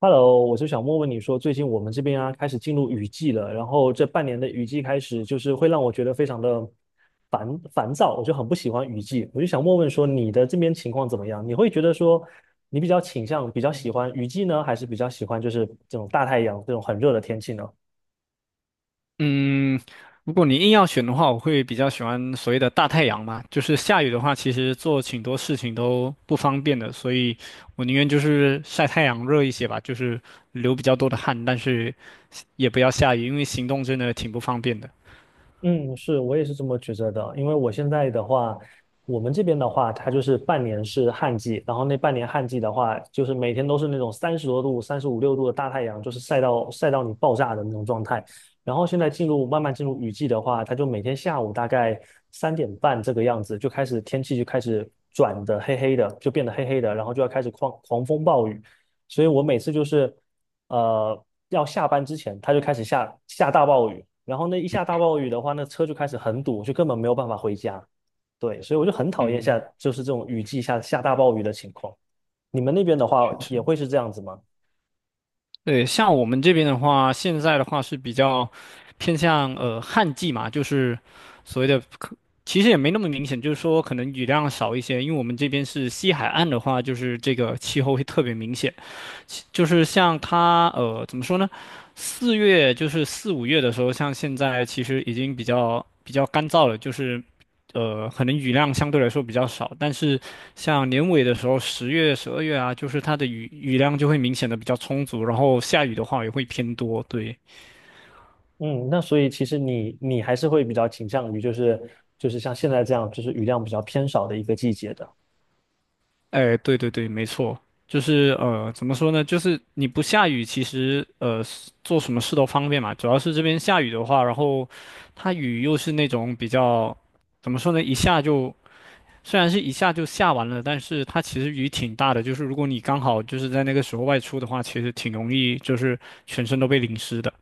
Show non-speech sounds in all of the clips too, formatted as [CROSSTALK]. Hello，我就想问问你说，最近我们这边啊开始进入雨季了，然后这半年的雨季开始，就是会让我觉得非常的烦躁，我就很不喜欢雨季。我就想问问说，你的这边情况怎么样？你会觉得说，你比较倾向比较喜欢雨季呢，还是比较喜欢就是这种大太阳这种很热的天气呢？嗯，如果你硬要选的话，我会比较喜欢所谓的大太阳嘛。就是下雨的话，其实做挺多事情都不方便的，所以我宁愿就是晒太阳热一些吧，就是流比较多的汗，但是也不要下雨，因为行动真的挺不方便的。嗯，是，我也是这么觉得的。因为我现在的话，我们这边的话，它就是半年是旱季，然后那半年旱季的话，就是每天都是那种三十多度、35、6度的大太阳，就是晒到你爆炸的那种状态。然后现在慢慢进入雨季的话，它就每天下午大概3点半这个样子就开始天气就开始转的黑黑的，就变得黑黑的，然后就要开始狂风暴雨。所以我每次就是要下班之前，它就开始下大暴雨，然后那一下大暴雨的话，那车就开始很堵，就根本没有办法回家。对，所以我就很讨厌下嗯，就是这种雨季下大暴雨的情况。你们那边的确话也实，会是这样子吗？对，像我们这边的话，现在的话是比较偏向旱季嘛，就是所谓的，其实也没那么明显，就是说可能雨量少一些，因为我们这边是西海岸的话，就是这个气候会特别明显。就是像它怎么说呢？四月就是四五月的时候，像现在其实已经比较干燥了，就是可能雨量相对来说比较少，但是像年尾的时候，十月、十二月啊，就是它的雨量就会明显的比较充足，然后下雨的话也会偏多，对。嗯，那所以其实你还是会比较倾向于就是像现在这样，就是雨量比较偏少的一个季节的。哎，对对对，没错，就是怎么说呢？就是你不下雨，其实是做什么事都方便嘛。主要是这边下雨的话，然后它雨又是那种比较，怎么说呢？一下就虽然是一下就下完了，但是它其实雨挺大的。就是如果你刚好就是在那个时候外出的话，其实挺容易就是全身都被淋湿的。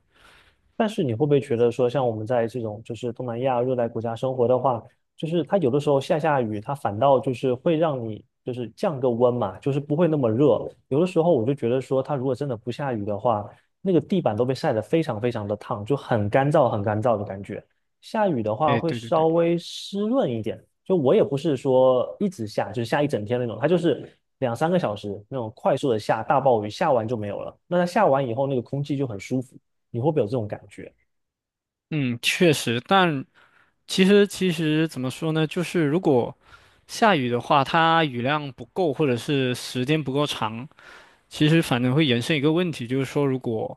但是你会不会觉得说，像我们在这种就是东南亚热带国家生活的话，就是它有的时候下雨，它反倒就是会让你就是降个温嘛，就是不会那么热。有的时候我就觉得说，它如果真的不下雨的话，那个地板都被晒得非常非常的烫，就很干燥很干燥的感觉。下雨的话哎，会对对对，稍微湿润一点，就我也不是说一直下，就是下一整天那种，它就是两三个小时那种快速的下大暴雨，下完就没有了。那它下完以后，那个空气就很舒服。你会不会有这种感觉？嗯，确实，但。其实怎么说呢，就是如果下雨的话，它雨量不够或者是时间不够长，其实反正会延伸一个问题，就是说如果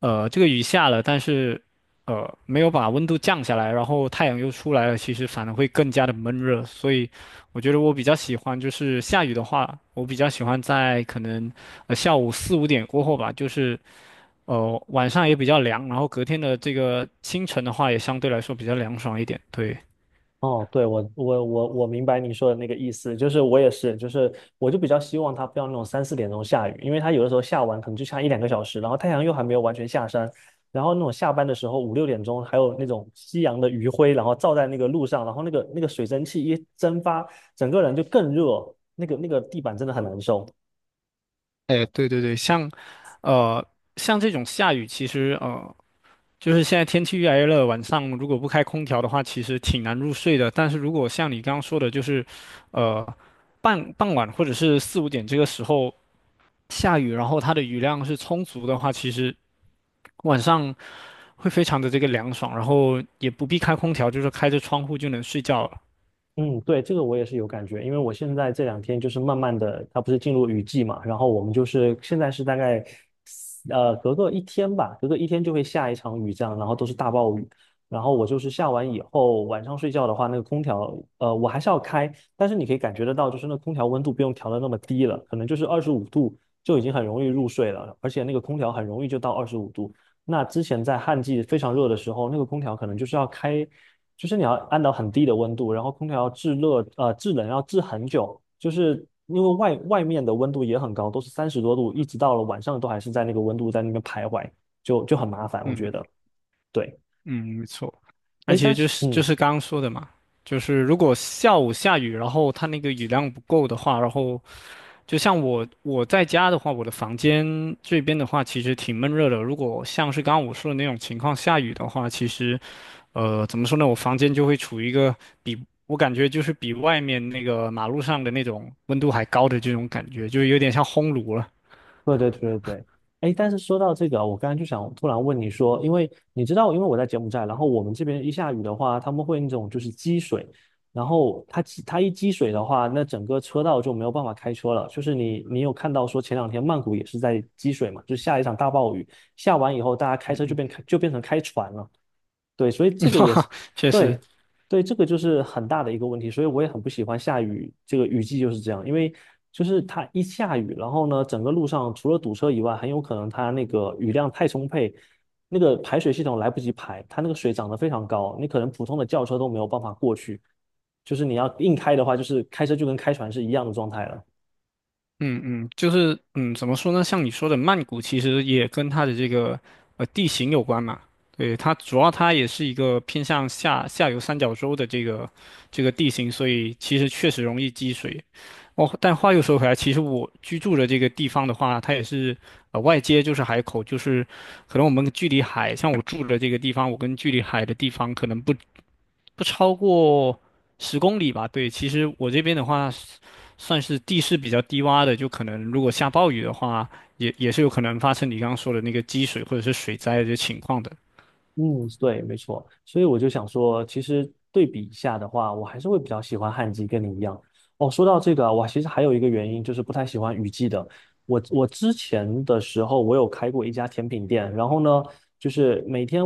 这个雨下了，但是没有把温度降下来，然后太阳又出来了，其实反而会更加的闷热。所以我觉得我比较喜欢就是下雨的话，我比较喜欢在可能下午四五点过后吧，就是晚上也比较凉，然后隔天的这个清晨的话也相对来说比较凉爽一点，对。哦，对，我明白你说的那个意思，就是我也是，就是我就比较希望它不要那种三四点钟下雨，因为它有的时候下完可能就下一两个小时，然后太阳又还没有完全下山，然后那种下班的时候五六点钟还有那种夕阳的余晖，然后照在那个路上，然后那个水蒸气一蒸发，整个人就更热，那个地板真的很难受。哎，对对对，像，呃，像这种下雨，其实就是现在天气越来越热，晚上如果不开空调的话，其实挺难入睡的。但是如果像你刚刚说的，就是，呃，傍晚或者是四五点这个时候下雨，然后它的雨量是充足的话，其实晚上会非常的这个凉爽，然后也不必开空调，就是开着窗户就能睡觉了。嗯，对，这个我也是有感觉，因为我现在这两天就是慢慢的，它不是进入雨季嘛，然后我们就是现在是大概，隔个一天吧，隔个一天就会下一场雨，这样，然后都是大暴雨，然后我就是下完以后，晚上睡觉的话，那个空调，我还是要开，但是你可以感觉得到，就是那空调温度不用调的那么低了，可能就是二十五度就已经很容易入睡了，而且那个空调很容易就到二十五度，那之前在旱季非常热的时候，那个空调可能就是要开，就是你要按到很低的温度，然后空调要制热，制冷要制很久，就是因为外面的温度也很高，都是三十多度，一直到了晚上都还是在那个温度在那边徘徊，就很麻烦，我觉嗯。得。对，嗯，没错。那哎，其但实就是是就嗯，是刚刚说的嘛，就是如果下午下雨，然后它那个雨量不够的话，然后就像我在家的话，我的房间这边的话其实挺闷热的。如果像是刚刚我说的那种情况下雨的话，其实怎么说呢，我房间就会处于一个比我感觉就是比外面那个马路上的那种温度还高的这种感觉，就有点像烘炉了。对对对对对，哎，但是说到这个啊，我刚才就想突然问你说，因为你知道，因为我在柬埔寨，然后我们这边一下雨的话，他们会那种就是积水，然后它一积水的话，那整个车道就没有办法开车了。就是你有看到说前两天曼谷也是在积水嘛，就下一场大暴雨，下完以后大家开嗯车就嗯，就变成开船了。对，所以这个也是。 [LAUGHS] 确实。对，对，这个就是很大的一个问题，所以我也很不喜欢下雨，这个雨季就是这样，因为就是它一下雨，然后呢，整个路上除了堵车以外，很有可能它那个雨量太充沛，那个排水系统来不及排，它那个水涨得非常高，你可能普通的轿车都没有办法过去，就是你要硬开的话，就是开车就跟开船是一样的状态了。嗯嗯，就是嗯，怎么说呢？像你说的，曼谷其实也跟它的这个地形有关嘛。对，它主要它也是一个偏向下游三角洲的这个这个地形，所以其实确实容易积水。哦，但话又说回来，其实我居住的这个地方的话，它也是外接就是海口，就是可能我们距离海，像我住的这个地方，我跟距离海的地方可能不超过十公里吧。对，其实我这边的话。算是地势比较低洼的，就可能如果下暴雨的话，也也是有可能发生你刚刚说的那个积水或者是水灾的这情况的。嗯，对，没错。所以我就想说，其实对比一下的话，我还是会比较喜欢旱季，跟你一样。哦，说到这个啊，我其实还有一个原因，就是不太喜欢雨季的。我之前的时候，我有开过一家甜品店，然后呢，就是每天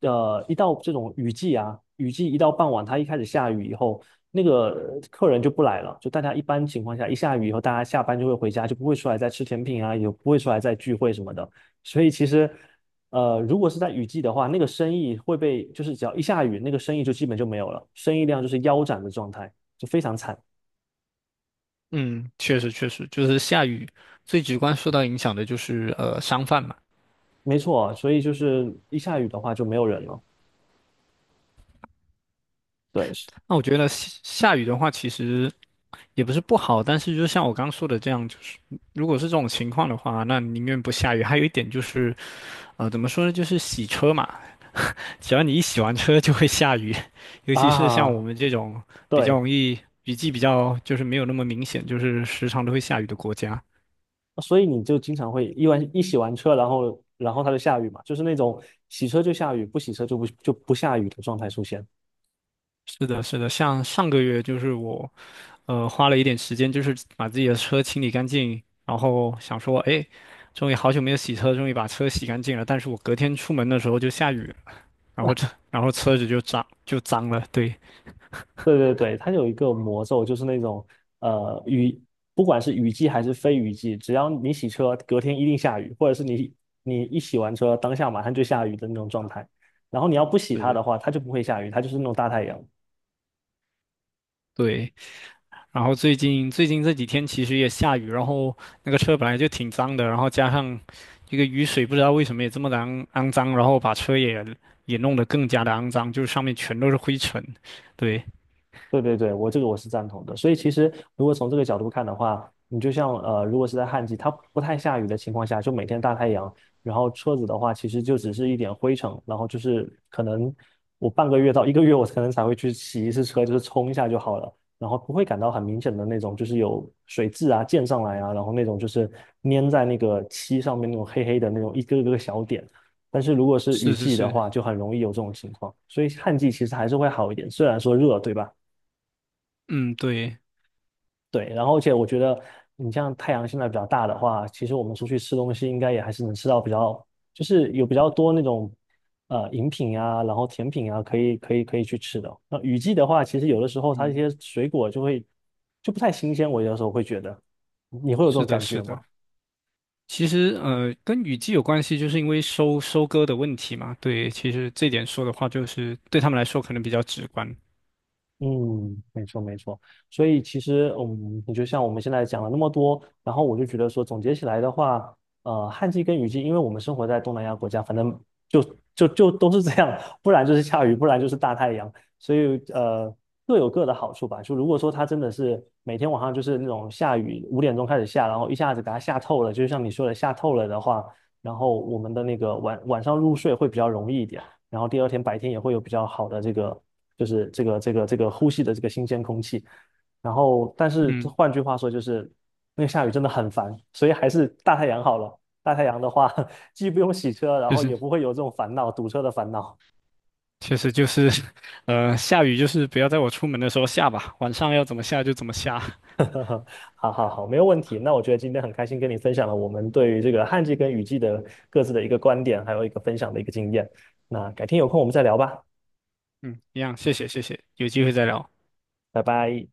一到这种雨季啊，雨季一到傍晚，它一开始下雨以后，那个客人就不来了。就大家一般情况下，一下雨以后，大家下班就会回家，就不会出来再吃甜品啊，也不会出来再聚会什么的。所以其实如果是在雨季的话，那个生意会被，就是只要一下雨，那个生意就基本就没有了，生意量就是腰斩的状态，就非常惨。嗯，确实，就是下雨最直观受到影响的就是商贩嘛。没错，所以就是一下雨的话就没有人了。对，是那我觉得下雨的话，其实也不是不好，但是就像我刚刚说的这样，就是如果是这种情况的话，那宁愿不下雨。还有一点就是，怎么说呢，就是洗车嘛，只要你一洗完车就会下雨，[LAUGHS] 尤其是像我啊，们这种比较对，容易雨季比较就是没有那么明显，就是时常都会下雨的国家。所以你就经常会一洗完车，然后它就下雨嘛，就是那种洗车就下雨，不洗车就不就不下雨的状态出现。是的，是的，像上个月就是我花了一点时间，就是把自己的车清理干净，然后想说，哎，终于好久没有洗车，终于把车洗干净了。但是我隔天出门的时候就下雨了，然后车然后车子就脏了，对，对对对，它有一个魔咒，就是那种雨，不管是雨季还是非雨季，只要你洗车，隔天一定下雨，或者是你一洗完车，当下马上就下雨的那种状态。然后你要不洗它是，的话，它就不会下雨，它就是那种大太阳。对。然后最近这几天其实也下雨，然后那个车本来就挺脏的，然后加上这个雨水不知道为什么也这么的肮脏，然后把车也也弄得更加的肮脏，就是上面全都是灰尘。对，对对对，我这个我是赞同的。所以其实如果从这个角度看的话，你就像如果是在旱季，它不太下雨的情况下，就每天大太阳，然后车子的话，其实就只是一点灰尘，然后就是可能我半个月到一个月，我可能才会去洗一次车，就是冲一下就好了，然后不会感到很明显的那种，就是有水渍啊溅上来啊，然后那种就是粘在那个漆上面那种黑黑的那种一个个小点。但是如果是雨是是季的是，话，就很容易有这种情况，所以旱季其实还是会好一点，虽然说热，对吧？嗯，对，对，然后而且我觉得你像太阳现在比较大的话，其实我们出去吃东西应该也还是能吃到比较，就是有比较多那种饮品啊，然后甜品啊，可以去吃的。那雨季的话，其实有的时候它一嗯，些水果就会就不太新鲜，我有的时候会觉得，你会有这种是的，感是觉吗？的。其实跟雨季有关系，就是因为收割的问题嘛。对，其实这点说的话，就是对他们来说可能比较直观。嗯，没错没错，所以其实，嗯，你就像我们现在讲了那么多，然后我就觉得说，总结起来的话，旱季跟雨季，因为我们生活在东南亚国家，反正就就都是这样，[LAUGHS] 不然就是下雨，不然就是大太阳，所以各有各的好处吧。就如果说它真的是每天晚上就是那种下雨，5点钟开始下，然后一下子给它下透了，就像你说的下透了的话，然后我们的那个晚上入睡会比较容易一点。然后第二天白天也会有比较好的这个，就是这个呼吸的这个新鲜空气。然后，但是嗯，换句话说，就是那个下雨真的很烦，所以还是大太阳好了。大太阳的话，[LAUGHS] 既不用洗车，然就后是。也不会有这种烦恼，堵车的烦恼。确实就是，下雨就是不要在我出门的时候下吧，晚上要怎么下就怎么下。[LAUGHS] 好好好，没有问题。那我觉得今天很开心跟你分享了我们对于这个旱季跟雨季的各自的一个观点，还有一个分享的一个经验。那改天有空我们再聊吧，嗯，一样，谢谢，有机会再聊。拜拜。